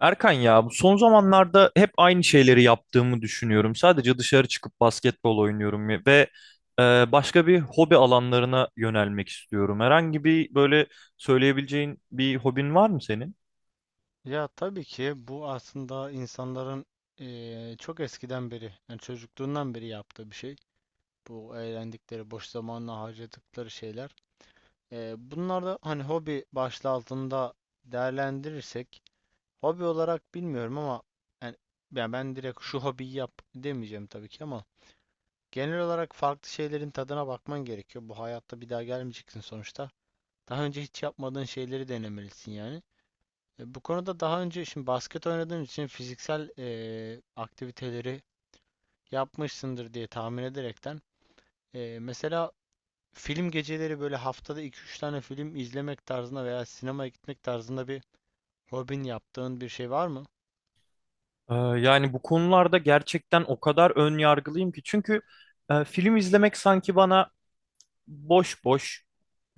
Erkan, ya bu son zamanlarda hep aynı şeyleri yaptığımı düşünüyorum. Sadece dışarı çıkıp basketbol oynuyorum ve e, başka bir hobi alanlarına yönelmek istiyorum. Herhangi bir böyle söyleyebileceğin bir hobin var mı senin? Ya tabii ki bu aslında insanların çok eskiden beri, yani çocukluğundan beri yaptığı bir şey. Bu eğlendikleri, boş zamanla harcadıkları şeyler. Bunlar da hani hobi başlığı altında değerlendirirsek, hobi olarak bilmiyorum ama yani, ben direkt şu hobiyi yap demeyeceğim tabii ki ama genel olarak farklı şeylerin tadına bakman gerekiyor. Bu hayatta bir daha gelmeyeceksin sonuçta. Daha önce hiç yapmadığın şeyleri denemelisin yani. Bu konuda daha önce şimdi basket oynadığın için fiziksel aktiviteleri yapmışsındır diye tahmin ederekten mesela film geceleri böyle haftada iki üç tane film izlemek tarzında veya sinemaya gitmek tarzında bir hobin yaptığın bir şey var mı? Yani bu konularda gerçekten o kadar ön yargılıyım ki, çünkü film izlemek sanki bana boş boş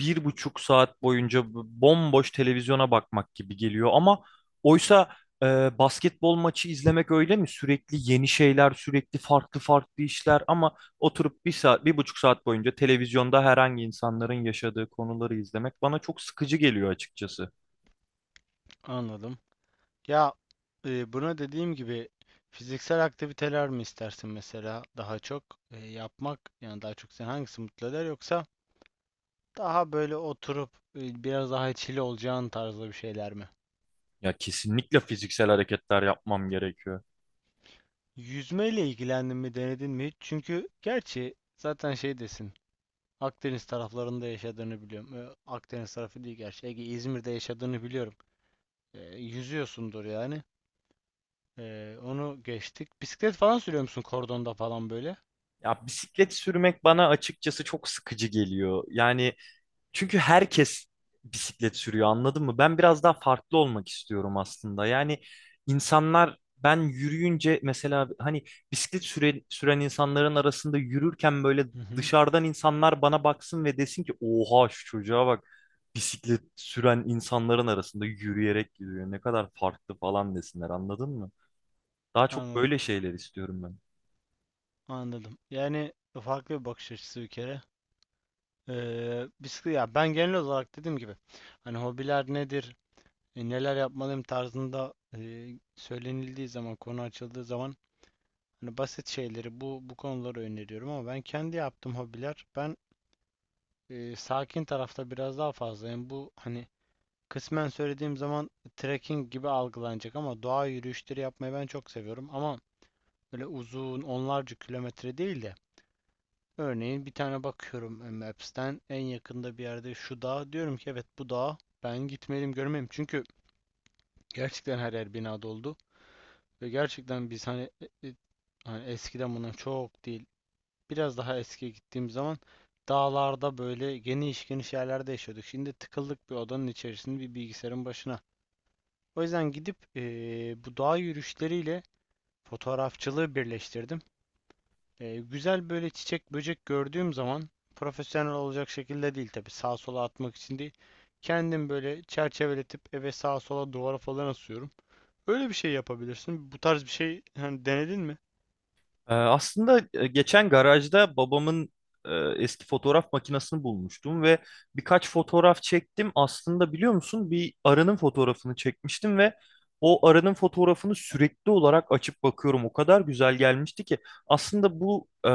1,5 saat boyunca bomboş televizyona bakmak gibi geliyor. Ama oysa, e, basketbol maçı izlemek öyle mi? Sürekli yeni şeyler, sürekli farklı farklı işler, ama oturup 1 saat, 1,5 saat boyunca televizyonda herhangi insanların yaşadığı konuları izlemek bana çok sıkıcı geliyor açıkçası. Anladım. Ya buna dediğim gibi fiziksel aktiviteler mi istersin mesela daha çok yapmak yani daha çok seni hangisi mutlu eder yoksa daha böyle oturup biraz daha chill olacağın tarzda bir şeyler mi? Ya kesinlikle fiziksel hareketler yapmam gerekiyor. Yüzmeyle ilgilendin mi, denedin mi hiç? Çünkü gerçi zaten şey desin. Akdeniz taraflarında yaşadığını biliyorum. Akdeniz tarafı değil gerçi. Ege, İzmir'de yaşadığını biliyorum. Yüzüyorsundur yani. Onu geçtik. Bisiklet falan sürüyor musun kordonda falan böyle? Ya bisiklet sürmek bana açıkçası çok sıkıcı geliyor. Yani, çünkü herkes bisiklet sürüyor, anladın mı? Ben biraz daha farklı olmak istiyorum aslında. Yani insanlar, ben yürüyünce mesela, hani bisiklet süren insanların arasında yürürken, böyle Hı hı. dışarıdan insanlar bana baksın ve desin ki, oha şu çocuğa bak, bisiklet süren insanların arasında yürüyerek gidiyor ne kadar farklı falan, desinler, anladın mı? Daha çok Anladım. böyle şeyler istiyorum ben. Anladım. Yani farklı bir bakış açısı bir kere. Bisiklet ya ben genel olarak dediğim gibi hani hobiler nedir, neler yapmalıyım tarzında söylenildiği zaman, konu açıldığı zaman hani basit şeyleri bu konuları öneriyorum ama ben kendi yaptığım hobiler ben sakin tarafta biraz daha fazlayım. Bu hani kısmen söylediğim zaman trekking gibi algılanacak ama doğa yürüyüşleri yapmayı ben çok seviyorum ama böyle uzun onlarca kilometre değil de örneğin bir tane bakıyorum Maps'ten en yakında bir yerde şu dağ diyorum ki evet bu dağ ben gitmeliyim görmeyeyim çünkü gerçekten her yer bina doldu ve gerçekten biz hani e, e, hani eskiden bundan çok değil biraz daha eskiye gittiğim zaman dağlarda böyle geniş geniş yerlerde yaşıyorduk. Şimdi tıkıldık bir odanın içerisinde bir bilgisayarın başına. O yüzden gidip bu dağ yürüyüşleriyle fotoğrafçılığı birleştirdim. Güzel böyle çiçek böcek gördüğüm zaman profesyonel olacak şekilde değil tabii sağa sola atmak için değil. Kendim böyle çerçeveletip eve sağa sola duvara falan asıyorum. Öyle bir şey yapabilirsin. Bu tarz bir şey hani denedin mi? Aslında geçen garajda babamın e, eski fotoğraf makinesini bulmuştum ve birkaç fotoğraf çektim. Aslında biliyor musun, bir arının fotoğrafını çekmiştim ve o arının fotoğrafını sürekli olarak açıp bakıyorum. O kadar güzel gelmişti ki, aslında bu e,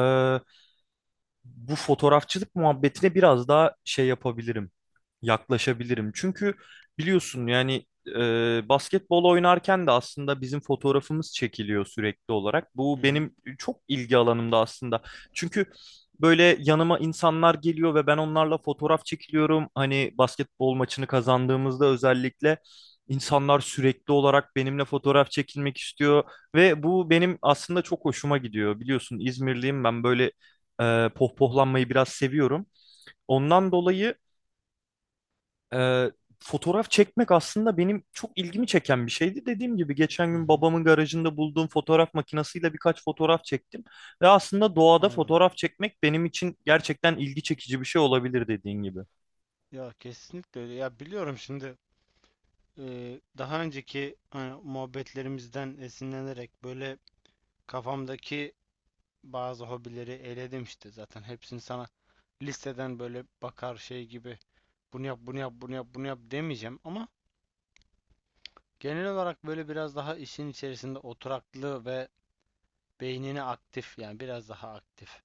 bu fotoğrafçılık muhabbetine biraz daha şey yapabilirim, yaklaşabilirim. Çünkü biliyorsun yani, basketbol oynarken de aslında bizim fotoğrafımız çekiliyor sürekli olarak. Hı Bu hı. benim çok ilgi alanımda aslında. Çünkü böyle yanıma insanlar geliyor ve ben onlarla fotoğraf çekiliyorum. Hani basketbol maçını kazandığımızda özellikle, insanlar sürekli olarak benimle fotoğraf çekilmek istiyor ve bu benim aslında çok hoşuma gidiyor. Biliyorsun, İzmirliyim ben, böyle pohpohlanmayı biraz seviyorum. Ondan dolayı, ee, fotoğraf çekmek aslında benim çok ilgimi çeken bir şeydi. Dediğim gibi geçen Hı gün hı. babamın garajında bulduğum fotoğraf makinesiyle birkaç fotoğraf çektim. Ve aslında doğada Anladım. fotoğraf çekmek benim için gerçekten ilgi çekici bir şey olabilir, dediğin gibi. Ya kesinlikle öyle. Ya biliyorum şimdi daha önceki hani, muhabbetlerimizden esinlenerek böyle kafamdaki bazı hobileri eledim işte zaten hepsini sana listeden böyle bakar şey gibi bunu yap bunu yap bunu yap bunu yap demeyeceğim ama genel olarak böyle biraz daha işin içerisinde oturaklı ve beynini aktif yani biraz daha aktif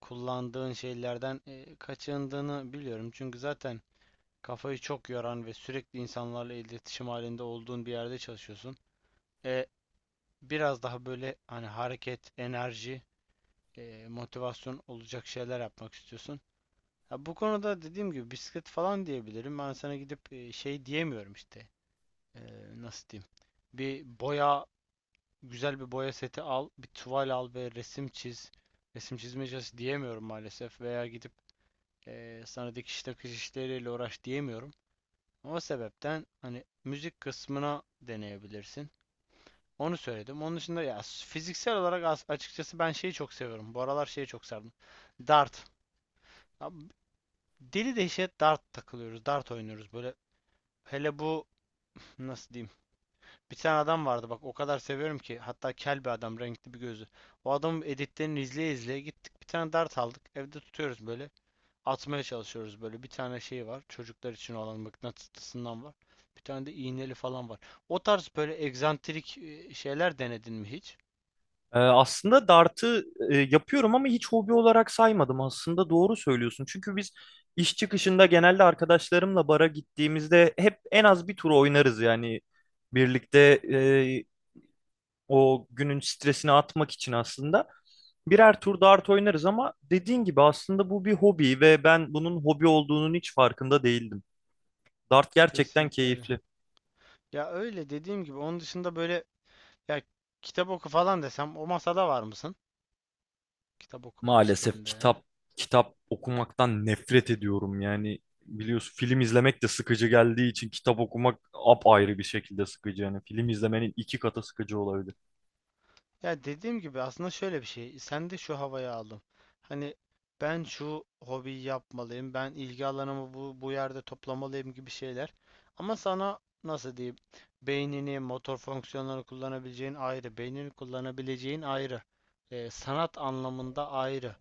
kullandığın şeylerden kaçındığını biliyorum çünkü zaten kafayı çok yoran ve sürekli insanlarla iletişim halinde olduğun bir yerde çalışıyorsun. E, biraz daha böyle hani hareket, enerji, motivasyon olacak şeyler yapmak istiyorsun. Ha, bu konuda dediğim gibi bisiklet falan diyebilirim. Ben sana gidip şey diyemiyorum işte. E, nasıl diyeyim? Bir boya, güzel bir boya seti al, bir tuval al ve resim çiz. Resim çizme cihazı diyemiyorum maalesef veya gidip sana dikiş takış işleriyle uğraş diyemiyorum. O sebepten hani müzik kısmına deneyebilirsin. Onu söyledim. Onun dışında ya fiziksel olarak açıkçası ben şeyi çok seviyorum. Bu aralar şeyi çok sardım. Dart. Abi, deli dehşet dart takılıyoruz. Dart oynuyoruz. Böyle hele bu nasıl diyeyim? Bir tane adam vardı bak o kadar seviyorum ki. Hatta kel bir adam renkli bir gözü. O adamın editlerini izleye izleye gittik. Bir tane dart aldık. Evde tutuyoruz böyle. Atmaya çalışıyoruz böyle. Bir tane şey var. Çocuklar için olan mıknatıslısından var. Bir tane de iğneli falan var. O tarz böyle egzantrik şeyler denedin mi hiç? Aslında dartı yapıyorum, ama hiç hobi olarak saymadım. Aslında doğru söylüyorsun. Çünkü biz iş çıkışında genelde arkadaşlarımla bara gittiğimizde hep en az bir tur oynarız yani. Birlikte o günün stresini atmak için aslında birer tur dart oynarız, ama dediğin gibi aslında bu bir hobi ve ben bunun hobi olduğunun hiç farkında değildim. Dart gerçekten Kesinlikle öyle. keyifli. Ya öyle dediğim gibi onun dışında böyle ya kitap oku falan desem o masada var mısın? Kitap okuma Maalesef işlerinde yani. kitap okumaktan nefret ediyorum. Yani biliyorsun, film izlemek de sıkıcı geldiği için kitap okumak apayrı bir şekilde sıkıcı. Yani film izlemenin 2 katı sıkıcı olabilir. Ya dediğim gibi aslında şöyle bir şey. Sen de şu havayı aldım. Hani ben şu hobiyi yapmalıyım. Ben ilgi alanımı bu, bu yerde toplamalıyım gibi şeyler. Ama sana nasıl diyeyim? Beynini, motor fonksiyonlarını kullanabileceğin ayrı. Beynini kullanabileceğin ayrı. Sanat anlamında ayrı.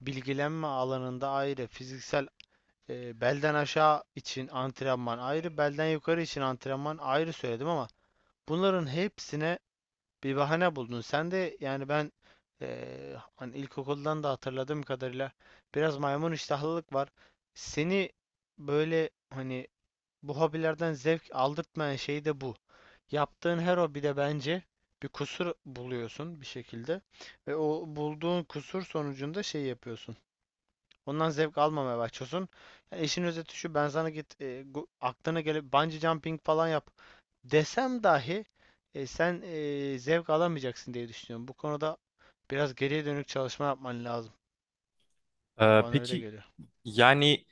Bilgilenme alanında ayrı. Fiziksel, belden aşağı için antrenman ayrı, belden yukarı için antrenman ayrı söyledim ama bunların hepsine bir bahane buldun. Sen de yani ben hani ilkokuldan da hatırladığım kadarıyla biraz maymun iştahlılık var. Seni böyle hani bu hobilerden zevk aldırtmayan şey de bu. Yaptığın her hobide bence bir kusur buluyorsun bir şekilde ve o bulduğun kusur sonucunda şey yapıyorsun. Ondan zevk almamaya başlıyorsun. Yani işin özeti şu: ben sana git aklına gelip bungee jumping falan yap desem dahi sen zevk alamayacaksın diye düşünüyorum. Bu konuda biraz geriye dönük çalışma yapman lazım. Ya Ee, bana öyle peki geliyor. Yani,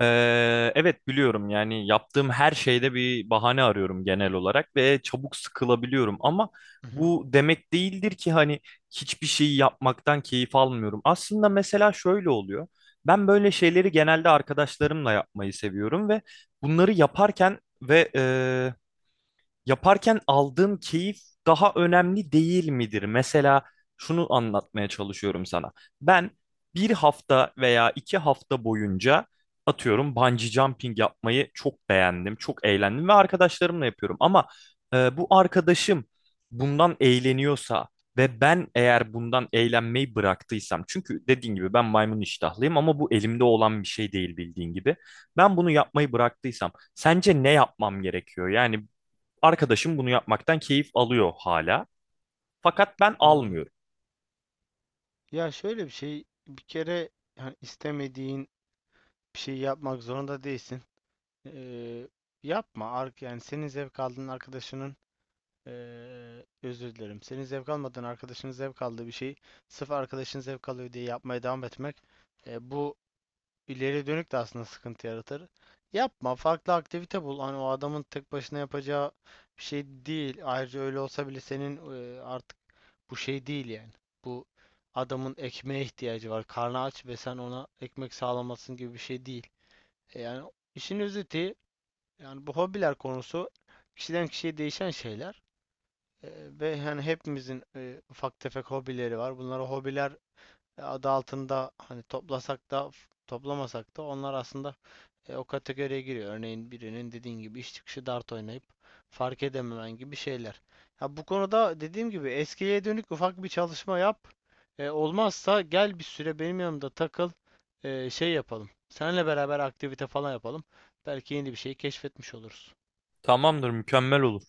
evet, biliyorum, yani yaptığım her şeyde bir bahane arıyorum genel olarak ve çabuk sıkılabiliyorum, ama Hı hı, bu demek değildir ki hani hiçbir şeyi yapmaktan keyif almıyorum. Aslında mesela şöyle oluyor. Ben böyle şeyleri genelde arkadaşlarımla yapmayı seviyorum ve bunları yaparken aldığın keyif daha önemli değil midir? Mesela şunu anlatmaya çalışıyorum sana. Ben 1 hafta veya 2 hafta boyunca, atıyorum, bungee jumping yapmayı çok beğendim, çok eğlendim ve arkadaşlarımla yapıyorum. Ama bu arkadaşım bundan eğleniyorsa ve ben, eğer bundan eğlenmeyi bıraktıysam, çünkü dediğin gibi ben maymun iştahlıyım, ama bu elimde olan bir şey değil, bildiğin gibi. Ben bunu yapmayı bıraktıysam, sence ne yapmam gerekiyor? Yani, arkadaşım bunu yapmaktan keyif alıyor hala. Fakat ben anladım. almıyorum. Ya şöyle bir şey bir kere, yani istemediğin bir şey yapmak zorunda değilsin. Ee, yapma. Yani senin zevk aldığın arkadaşının özür dilerim. Senin zevk almadığın arkadaşının zevk aldığı bir şeyi sırf arkadaşın zevk alıyor diye yapmaya devam etmek, bu ileri dönük de aslında sıkıntı yaratır. Yapma. Farklı aktivite bul. Hani o adamın tek başına yapacağı bir şey değil. Ayrıca öyle olsa bile senin artık bu şey değil yani. Bu adamın ekmeğe ihtiyacı var. Karnı aç ve sen ona ekmek sağlamasın gibi bir şey değil. Yani işin özeti, yani bu hobiler konusu kişiden kişiye değişen şeyler. Eee, ve hani hepimizin ufak tefek hobileri var. Bunlara hobiler adı altında hani toplasak da toplamasak da onlar aslında o kategoriye giriyor. Örneğin birinin dediğin gibi iş çıkışı dart oynayıp fark edememen gibi şeyler. Ya bu konuda dediğim gibi eskiye dönük ufak bir çalışma yap. Olmazsa gel bir süre benim yanımda takıl. Şey yapalım. Seninle beraber aktivite falan yapalım. Belki yeni bir şey keşfetmiş oluruz. Tamamdır, mükemmel olur.